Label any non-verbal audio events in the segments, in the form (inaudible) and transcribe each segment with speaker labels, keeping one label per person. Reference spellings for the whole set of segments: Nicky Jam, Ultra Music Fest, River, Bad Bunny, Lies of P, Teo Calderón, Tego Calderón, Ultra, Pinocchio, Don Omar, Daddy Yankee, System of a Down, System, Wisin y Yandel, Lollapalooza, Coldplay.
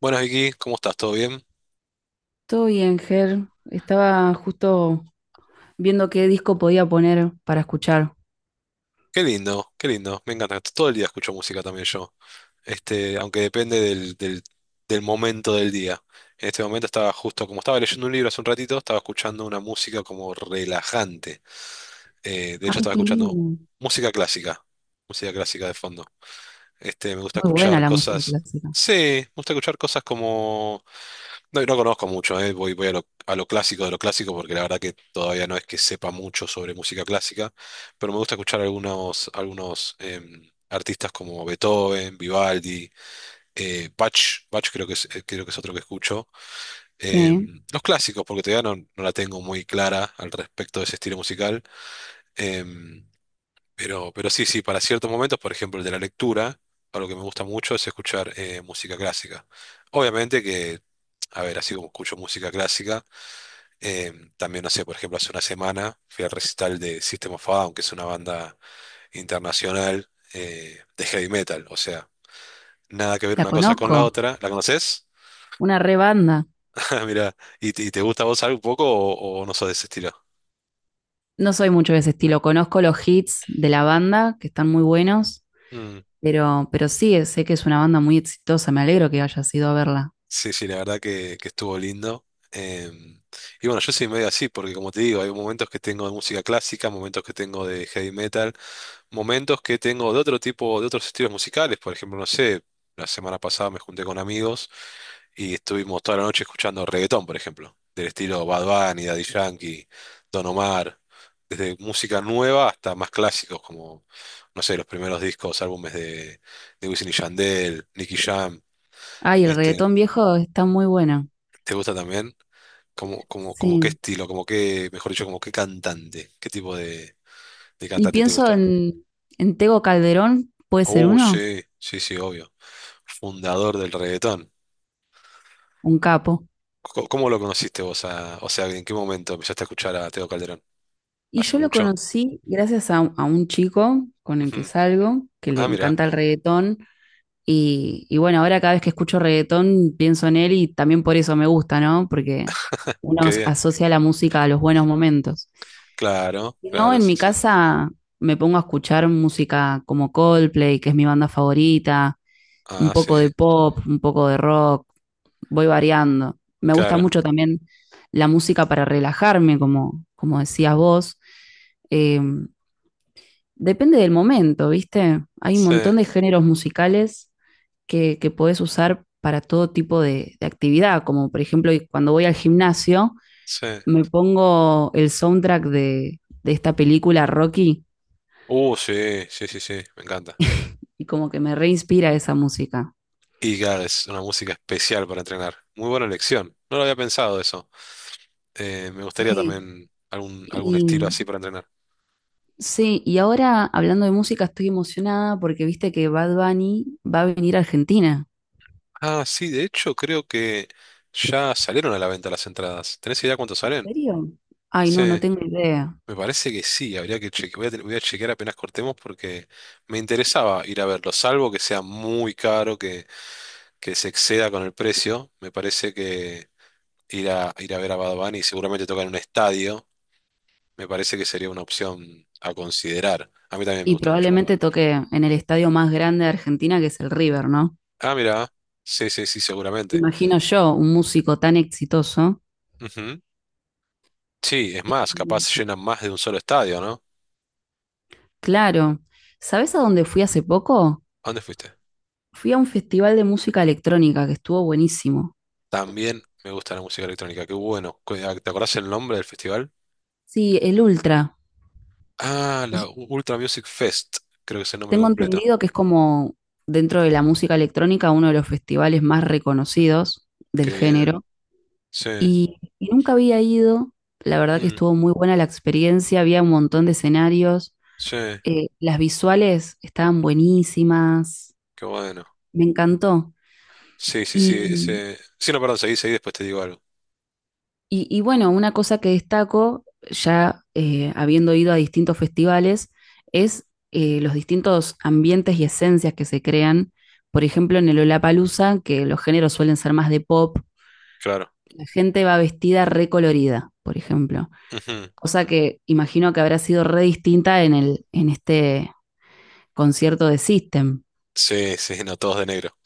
Speaker 1: Buenas Vicky, ¿cómo estás? ¿Todo bien?
Speaker 2: Todo bien, Ger. Estaba justo viendo qué disco podía poner para escuchar.
Speaker 1: Qué lindo, me encanta. Todo el día escucho música también yo, aunque depende del momento del día. En este momento estaba justo, como estaba leyendo un libro hace un ratito, estaba escuchando una música como relajante. De hecho
Speaker 2: Ay,
Speaker 1: estaba
Speaker 2: qué
Speaker 1: escuchando
Speaker 2: lindo.
Speaker 1: música clásica, música clásica de fondo. Me gusta
Speaker 2: Muy buena
Speaker 1: escuchar
Speaker 2: la música
Speaker 1: cosas,
Speaker 2: clásica.
Speaker 1: sí, me gusta escuchar cosas como no, no conozco mucho, voy, a lo clásico de lo clásico porque la verdad que todavía no es que sepa mucho sobre música clásica, pero me gusta escuchar algunos artistas como Beethoven, Vivaldi, Bach, Bach creo que es otro que escucho.
Speaker 2: Sí,
Speaker 1: Los clásicos, porque todavía no, no la tengo muy clara al respecto de ese estilo musical, em, pero sí, sí, para ciertos momentos, por ejemplo el de la lectura, algo que me gusta mucho es escuchar música clásica. Obviamente que... A ver, así como escucho música clásica, también, no sé, por ejemplo, hace una semana fui al recital de System of a Down, que es una banda internacional de heavy metal. O sea, nada que ver
Speaker 2: la
Speaker 1: una cosa con
Speaker 2: conozco.
Speaker 1: la otra. ¿La conoces?
Speaker 2: Una re banda.
Speaker 1: (laughs) Mira, ¿y te gusta a vos algo un poco o no sos de ese estilo?
Speaker 2: No soy mucho de ese estilo. Conozco los hits de la banda, que están muy buenos,
Speaker 1: Mm.
Speaker 2: pero sí, sé que es una banda muy exitosa. Me alegro que hayas ido a verla.
Speaker 1: Sí, sí, la verdad que estuvo lindo. Y bueno, yo soy medio así, porque como te digo, hay momentos que tengo de música clásica, momentos que tengo de heavy metal, momentos que tengo de otro tipo, de otros estilos musicales. Por ejemplo, no sé, la semana pasada me junté con amigos y estuvimos toda la noche escuchando reggaetón, por ejemplo, del estilo Bad Bunny, Daddy Yankee, Don Omar, desde música nueva hasta más clásicos como, no sé, los primeros discos, álbumes de Wisin y Yandel, Nicky Jam,
Speaker 2: Ay, el
Speaker 1: este,
Speaker 2: reggaetón viejo está muy bueno.
Speaker 1: ¿te gusta también? ¿Cómo qué
Speaker 2: Sí.
Speaker 1: estilo, como qué, mejor dicho, como qué cantante, qué tipo de
Speaker 2: Y
Speaker 1: cantante te
Speaker 2: pienso
Speaker 1: gusta?
Speaker 2: en Tego Calderón, ¿puede ser
Speaker 1: Oh,
Speaker 2: uno?
Speaker 1: sí, sí, sí, obvio. Fundador del reggaetón.
Speaker 2: Un capo.
Speaker 1: ¿Cómo lo conociste vos? O sea, ¿en qué momento empezaste a escuchar a Teo Calderón?
Speaker 2: Y
Speaker 1: ¿Hace
Speaker 2: yo lo
Speaker 1: mucho?
Speaker 2: conocí gracias a un chico con el que
Speaker 1: Ujú.
Speaker 2: salgo, que le
Speaker 1: Ah, mira,
Speaker 2: encanta el reggaetón. Y bueno, ahora cada vez que escucho reggaetón pienso en él y también por eso me gusta, ¿no? Porque uno
Speaker 1: qué bien.
Speaker 2: asocia la música a los buenos momentos.
Speaker 1: Claro,
Speaker 2: Si no,
Speaker 1: claro,
Speaker 2: en
Speaker 1: sí,
Speaker 2: mi
Speaker 1: sí.
Speaker 2: casa me pongo a escuchar música como Coldplay, que es mi banda favorita, un
Speaker 1: Ah, sí,
Speaker 2: poco de pop, un poco de rock, voy variando. Me gusta
Speaker 1: claro.
Speaker 2: mucho también la música para relajarme, como, como decías vos. Eh, Depende del momento, ¿viste? Hay un
Speaker 1: Sí,
Speaker 2: montón de géneros musicales que podés usar para todo tipo de actividad, como por ejemplo y cuando voy al gimnasio,
Speaker 1: sí.
Speaker 2: me pongo el soundtrack de esta película Rocky
Speaker 1: Sí, sí, sí, sí, me encanta.
Speaker 2: y como que me reinspira esa música.
Speaker 1: Y claro, es una música especial para entrenar. Muy buena elección. No lo había pensado eso. Me gustaría
Speaker 2: Sí,
Speaker 1: también algún estilo
Speaker 2: y
Speaker 1: así para entrenar.
Speaker 2: sí, y ahora hablando de música estoy emocionada porque viste que Bad Bunny va a venir a Argentina.
Speaker 1: Ah, sí, de hecho creo que ya salieron a la venta las entradas. ¿Tenés idea cuánto
Speaker 2: ¿En
Speaker 1: salen?
Speaker 2: serio? Ay,
Speaker 1: Sí,
Speaker 2: no, no tengo idea.
Speaker 1: me parece que sí. Habría que chequear. Voy a chequear apenas cortemos porque me interesaba ir a verlo, salvo que sea muy caro, que se exceda con el precio. Me parece que ir a ver a Bad Bunny seguramente toca en un estadio. Me parece que sería una opción a considerar. A mí también me
Speaker 2: Y
Speaker 1: gusta mucho Bad
Speaker 2: probablemente
Speaker 1: Bunny.
Speaker 2: toque en el estadio más grande de Argentina, que es el River, ¿no?
Speaker 1: Ah, mira. Sí, sí, sí, seguramente.
Speaker 2: Imagino yo, un músico tan exitoso.
Speaker 1: Ujú. Sí, es más,
Speaker 2: Mm.
Speaker 1: capaz llenan más de un solo estadio, ¿no?
Speaker 2: Claro. ¿Sabes a dónde fui hace poco?
Speaker 1: ¿A dónde fuiste?
Speaker 2: Fui a un festival de música electrónica que estuvo buenísimo.
Speaker 1: También me gusta la música electrónica. Qué bueno. ¿Te acordás el nombre del festival?
Speaker 2: Sí, el Ultra.
Speaker 1: Ah, la
Speaker 2: Es-
Speaker 1: Ultra Music Fest. Creo que es el nombre
Speaker 2: Tengo
Speaker 1: completo.
Speaker 2: entendido que es como dentro de la música electrónica uno de los festivales más reconocidos del
Speaker 1: Qué bien.
Speaker 2: género.
Speaker 1: Sí.
Speaker 2: Y nunca había ido. La verdad que
Speaker 1: Mm.
Speaker 2: estuvo muy buena la experiencia. Había un montón de escenarios.
Speaker 1: Sí.
Speaker 2: Las visuales estaban buenísimas,
Speaker 1: Qué bueno.
Speaker 2: me encantó. Y,
Speaker 1: Sí, no, perdón, seguí, seguí, después te digo algo.
Speaker 2: y bueno, una cosa que destaco, ya habiendo ido a distintos festivales, es los distintos ambientes y esencias que se crean. Por ejemplo, en el Lollapalooza, que los géneros suelen ser más de pop,
Speaker 1: Claro.
Speaker 2: la gente va vestida recolorida, por ejemplo.
Speaker 1: Ujú.
Speaker 2: Cosa que imagino que habrá sido re distinta en el, en este concierto de System.
Speaker 1: Sí, sí, no, todos de negro.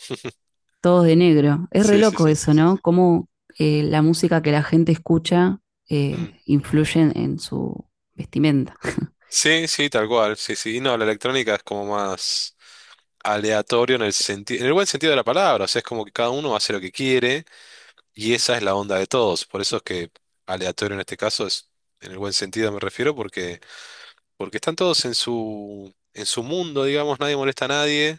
Speaker 2: Todos de negro. Es re
Speaker 1: Sí, sí,
Speaker 2: loco
Speaker 1: sí.
Speaker 2: eso, ¿no? Cómo la música que la gente escucha
Speaker 1: Mm.
Speaker 2: influye en su vestimenta.
Speaker 1: Sí, sí, tal cual. Sí, sí. Y no, la electrónica es como más aleatorio en el sentido, en el buen sentido de la palabra. O sea, es como que cada uno hace lo que quiere y esa es la onda de todos. Por eso es que aleatorio en este caso es, en el buen sentido me refiero, porque, porque están todos en su mundo, digamos, nadie molesta a nadie.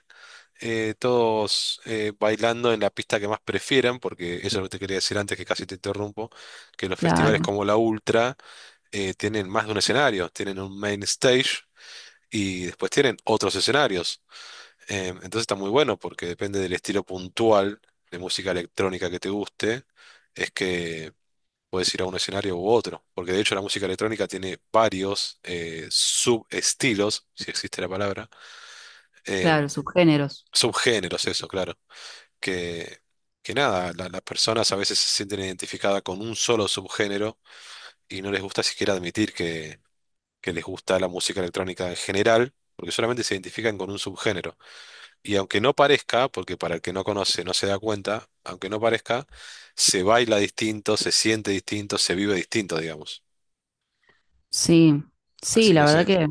Speaker 1: Todos bailando en la pista que más prefieran, porque eso es lo que te quería decir antes, que casi te interrumpo, que los festivales
Speaker 2: Claro,
Speaker 1: como la Ultra tienen más de un escenario, tienen un main stage y después tienen otros escenarios. Entonces está muy bueno porque depende del estilo puntual de música electrónica que te guste, es que puedes ir a un escenario u otro, porque de hecho la música electrónica tiene varios subestilos, si existe la palabra,
Speaker 2: claro,
Speaker 1: em,
Speaker 2: sus géneros.
Speaker 1: subgéneros, eso, claro. que, que nada, las personas a veces se sienten identificadas con un solo subgénero y no les gusta siquiera admitir que les gusta la música electrónica en general, porque solamente se identifican con un subgénero. Y aunque no parezca, porque para el que no conoce no se da cuenta, aunque no parezca, se baila distinto, se siente distinto, se vive distinto, digamos.
Speaker 2: Sí, sí,
Speaker 1: Así
Speaker 2: la
Speaker 1: que sí.
Speaker 2: verdad que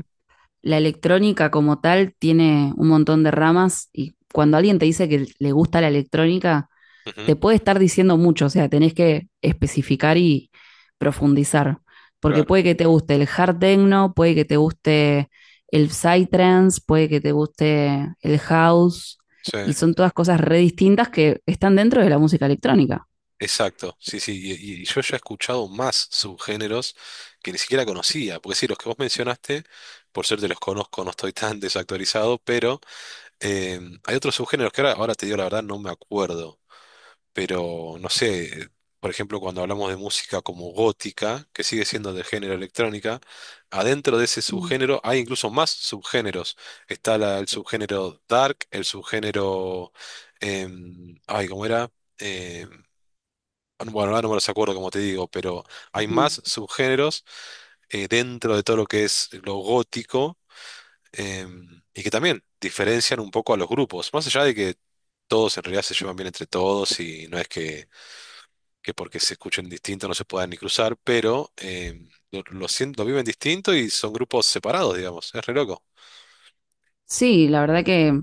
Speaker 2: la electrónica como tal tiene un montón de ramas y cuando alguien te dice que le gusta la electrónica,
Speaker 1: Ujú,
Speaker 2: te puede estar diciendo mucho, o sea, tenés que especificar y profundizar, porque
Speaker 1: claro.
Speaker 2: puede que te guste el hard techno, puede que te guste el psytrance, puede que te guste el house,
Speaker 1: Sí.
Speaker 2: y son todas cosas re distintas que están dentro de la música electrónica.
Speaker 1: Exacto, sí, sí, y yo ya he escuchado más subgéneros que ni siquiera conocía, porque sí, los que vos mencionaste, por suerte los conozco, no estoy tan desactualizado, pero hay otros subgéneros que ahora te digo la verdad, no me acuerdo, pero no sé, por ejemplo, cuando hablamos de música como gótica, que sigue siendo de género electrónica, adentro de ese
Speaker 2: Uh
Speaker 1: subgénero hay incluso más subgéneros. El subgénero dark, el subgénero, ay, ¿cómo era? Em, bueno, ahora no me los acuerdo, como te digo, pero hay
Speaker 2: -huh.
Speaker 1: más subgéneros dentro de todo lo que es lo gótico, y que también diferencian un poco a los grupos, más allá de que todos en realidad se llevan bien entre todos y no es que porque se escuchen distinto no se puedan ni cruzar, pero lo viven distinto y son grupos separados, digamos, es re loco.
Speaker 2: Sí, la verdad que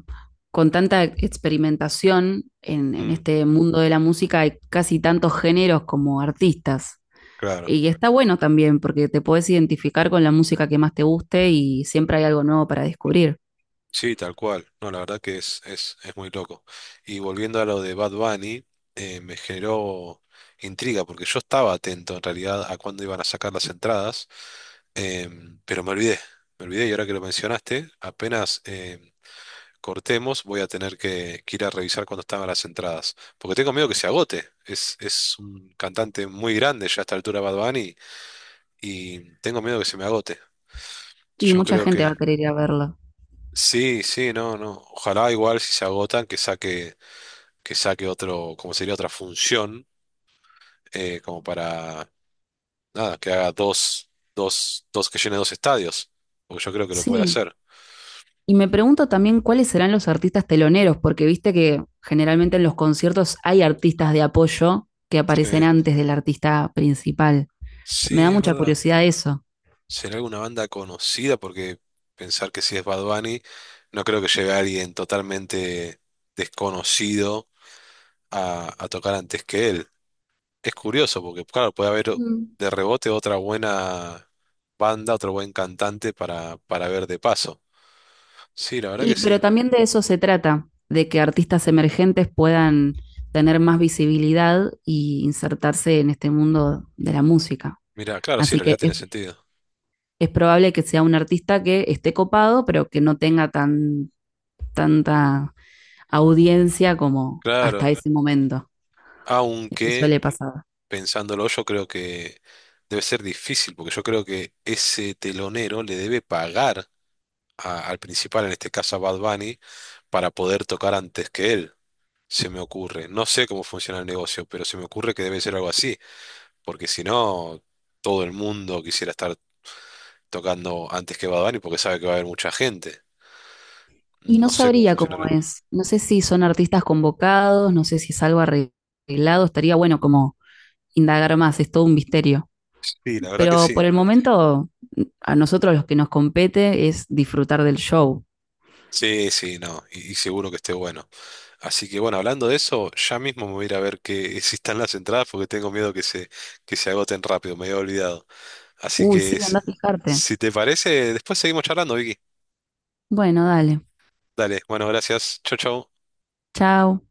Speaker 2: con tanta experimentación en,
Speaker 1: Mm,
Speaker 2: este mundo de la música hay casi tantos géneros como artistas.
Speaker 1: claro.
Speaker 2: Y está bueno también porque te puedes identificar con la música que más te guste y siempre hay algo nuevo para descubrir.
Speaker 1: Sí, tal cual. No, la verdad que es muy loco. Y volviendo a lo de Bad Bunny, me generó intriga, porque yo estaba atento en realidad a cuándo iban a sacar las entradas, pero me olvidé y ahora que lo mencionaste, apenas cortemos voy a tener que ir a revisar cuándo estaban las entradas, porque tengo miedo que se agote. Es un cantante muy grande ya a esta altura Bad Bunny y tengo miedo que se me agote.
Speaker 2: Y
Speaker 1: Yo
Speaker 2: mucha
Speaker 1: creo
Speaker 2: gente va
Speaker 1: que...
Speaker 2: a querer ir a verlo.
Speaker 1: Sí, sí, no, no. Ojalá igual si se agotan que saque otro, como sería otra función, como para, nada, que haga dos, que llene dos estadios. Porque yo creo que lo puede
Speaker 2: Sí.
Speaker 1: hacer.
Speaker 2: Y me pregunto también cuáles serán los artistas teloneros, porque viste que generalmente en los conciertos hay artistas de apoyo que
Speaker 1: Sí,
Speaker 2: aparecen antes del artista principal. Me da
Speaker 1: sí, es
Speaker 2: mucha
Speaker 1: verdad.
Speaker 2: curiosidad eso.
Speaker 1: ¿Será alguna banda conocida? Porque pensar que si es Bad Bunny, no creo que lleve a alguien totalmente desconocido a tocar antes que él. Es curioso porque, claro, puede haber
Speaker 2: Mm.
Speaker 1: de rebote otra buena banda, otro buen cantante para ver de paso. Sí, la verdad que
Speaker 2: Y, pero
Speaker 1: sí.
Speaker 2: también de eso se trata, de que artistas emergentes puedan tener más visibilidad y insertarse en este mundo de la música.
Speaker 1: Mira, claro, sí, en
Speaker 2: Así
Speaker 1: realidad
Speaker 2: que
Speaker 1: tiene sentido.
Speaker 2: es probable que sea un artista que esté copado, pero que no tenga tan, tanta audiencia como
Speaker 1: Claro,
Speaker 2: hasta ese momento. Me
Speaker 1: aunque
Speaker 2: suele pasar.
Speaker 1: pensándolo yo creo que debe ser difícil porque yo creo que ese telonero le debe pagar al principal, en este caso a Bad Bunny, para poder tocar antes que él. Se me ocurre. No sé cómo funciona el negocio, pero se me ocurre que debe ser algo así, porque si no, todo el mundo quisiera estar tocando antes que Bad Bunny porque sabe que va a haber mucha gente.
Speaker 2: Y no
Speaker 1: No sé cómo
Speaker 2: sabría cómo
Speaker 1: funcionará.
Speaker 2: es. No sé si son artistas convocados, no sé si es algo arreglado. Estaría bueno como indagar más, es todo un misterio.
Speaker 1: Sí, la verdad que
Speaker 2: Pero
Speaker 1: sí.
Speaker 2: por el momento, a nosotros los que nos compete es disfrutar del show.
Speaker 1: Sí, sí, no, y seguro que esté bueno. Así que bueno, hablando de eso, ya mismo me voy a ir a ver que (laughs) si están las entradas porque tengo miedo que se agoten rápido, me había olvidado. Así
Speaker 2: Uy,
Speaker 1: que
Speaker 2: sí, anda a fijarte.
Speaker 1: si te parece, después seguimos charlando, Vicky.
Speaker 2: Bueno, dale.
Speaker 1: Dale, bueno, gracias. Chau, chau.
Speaker 2: Chao.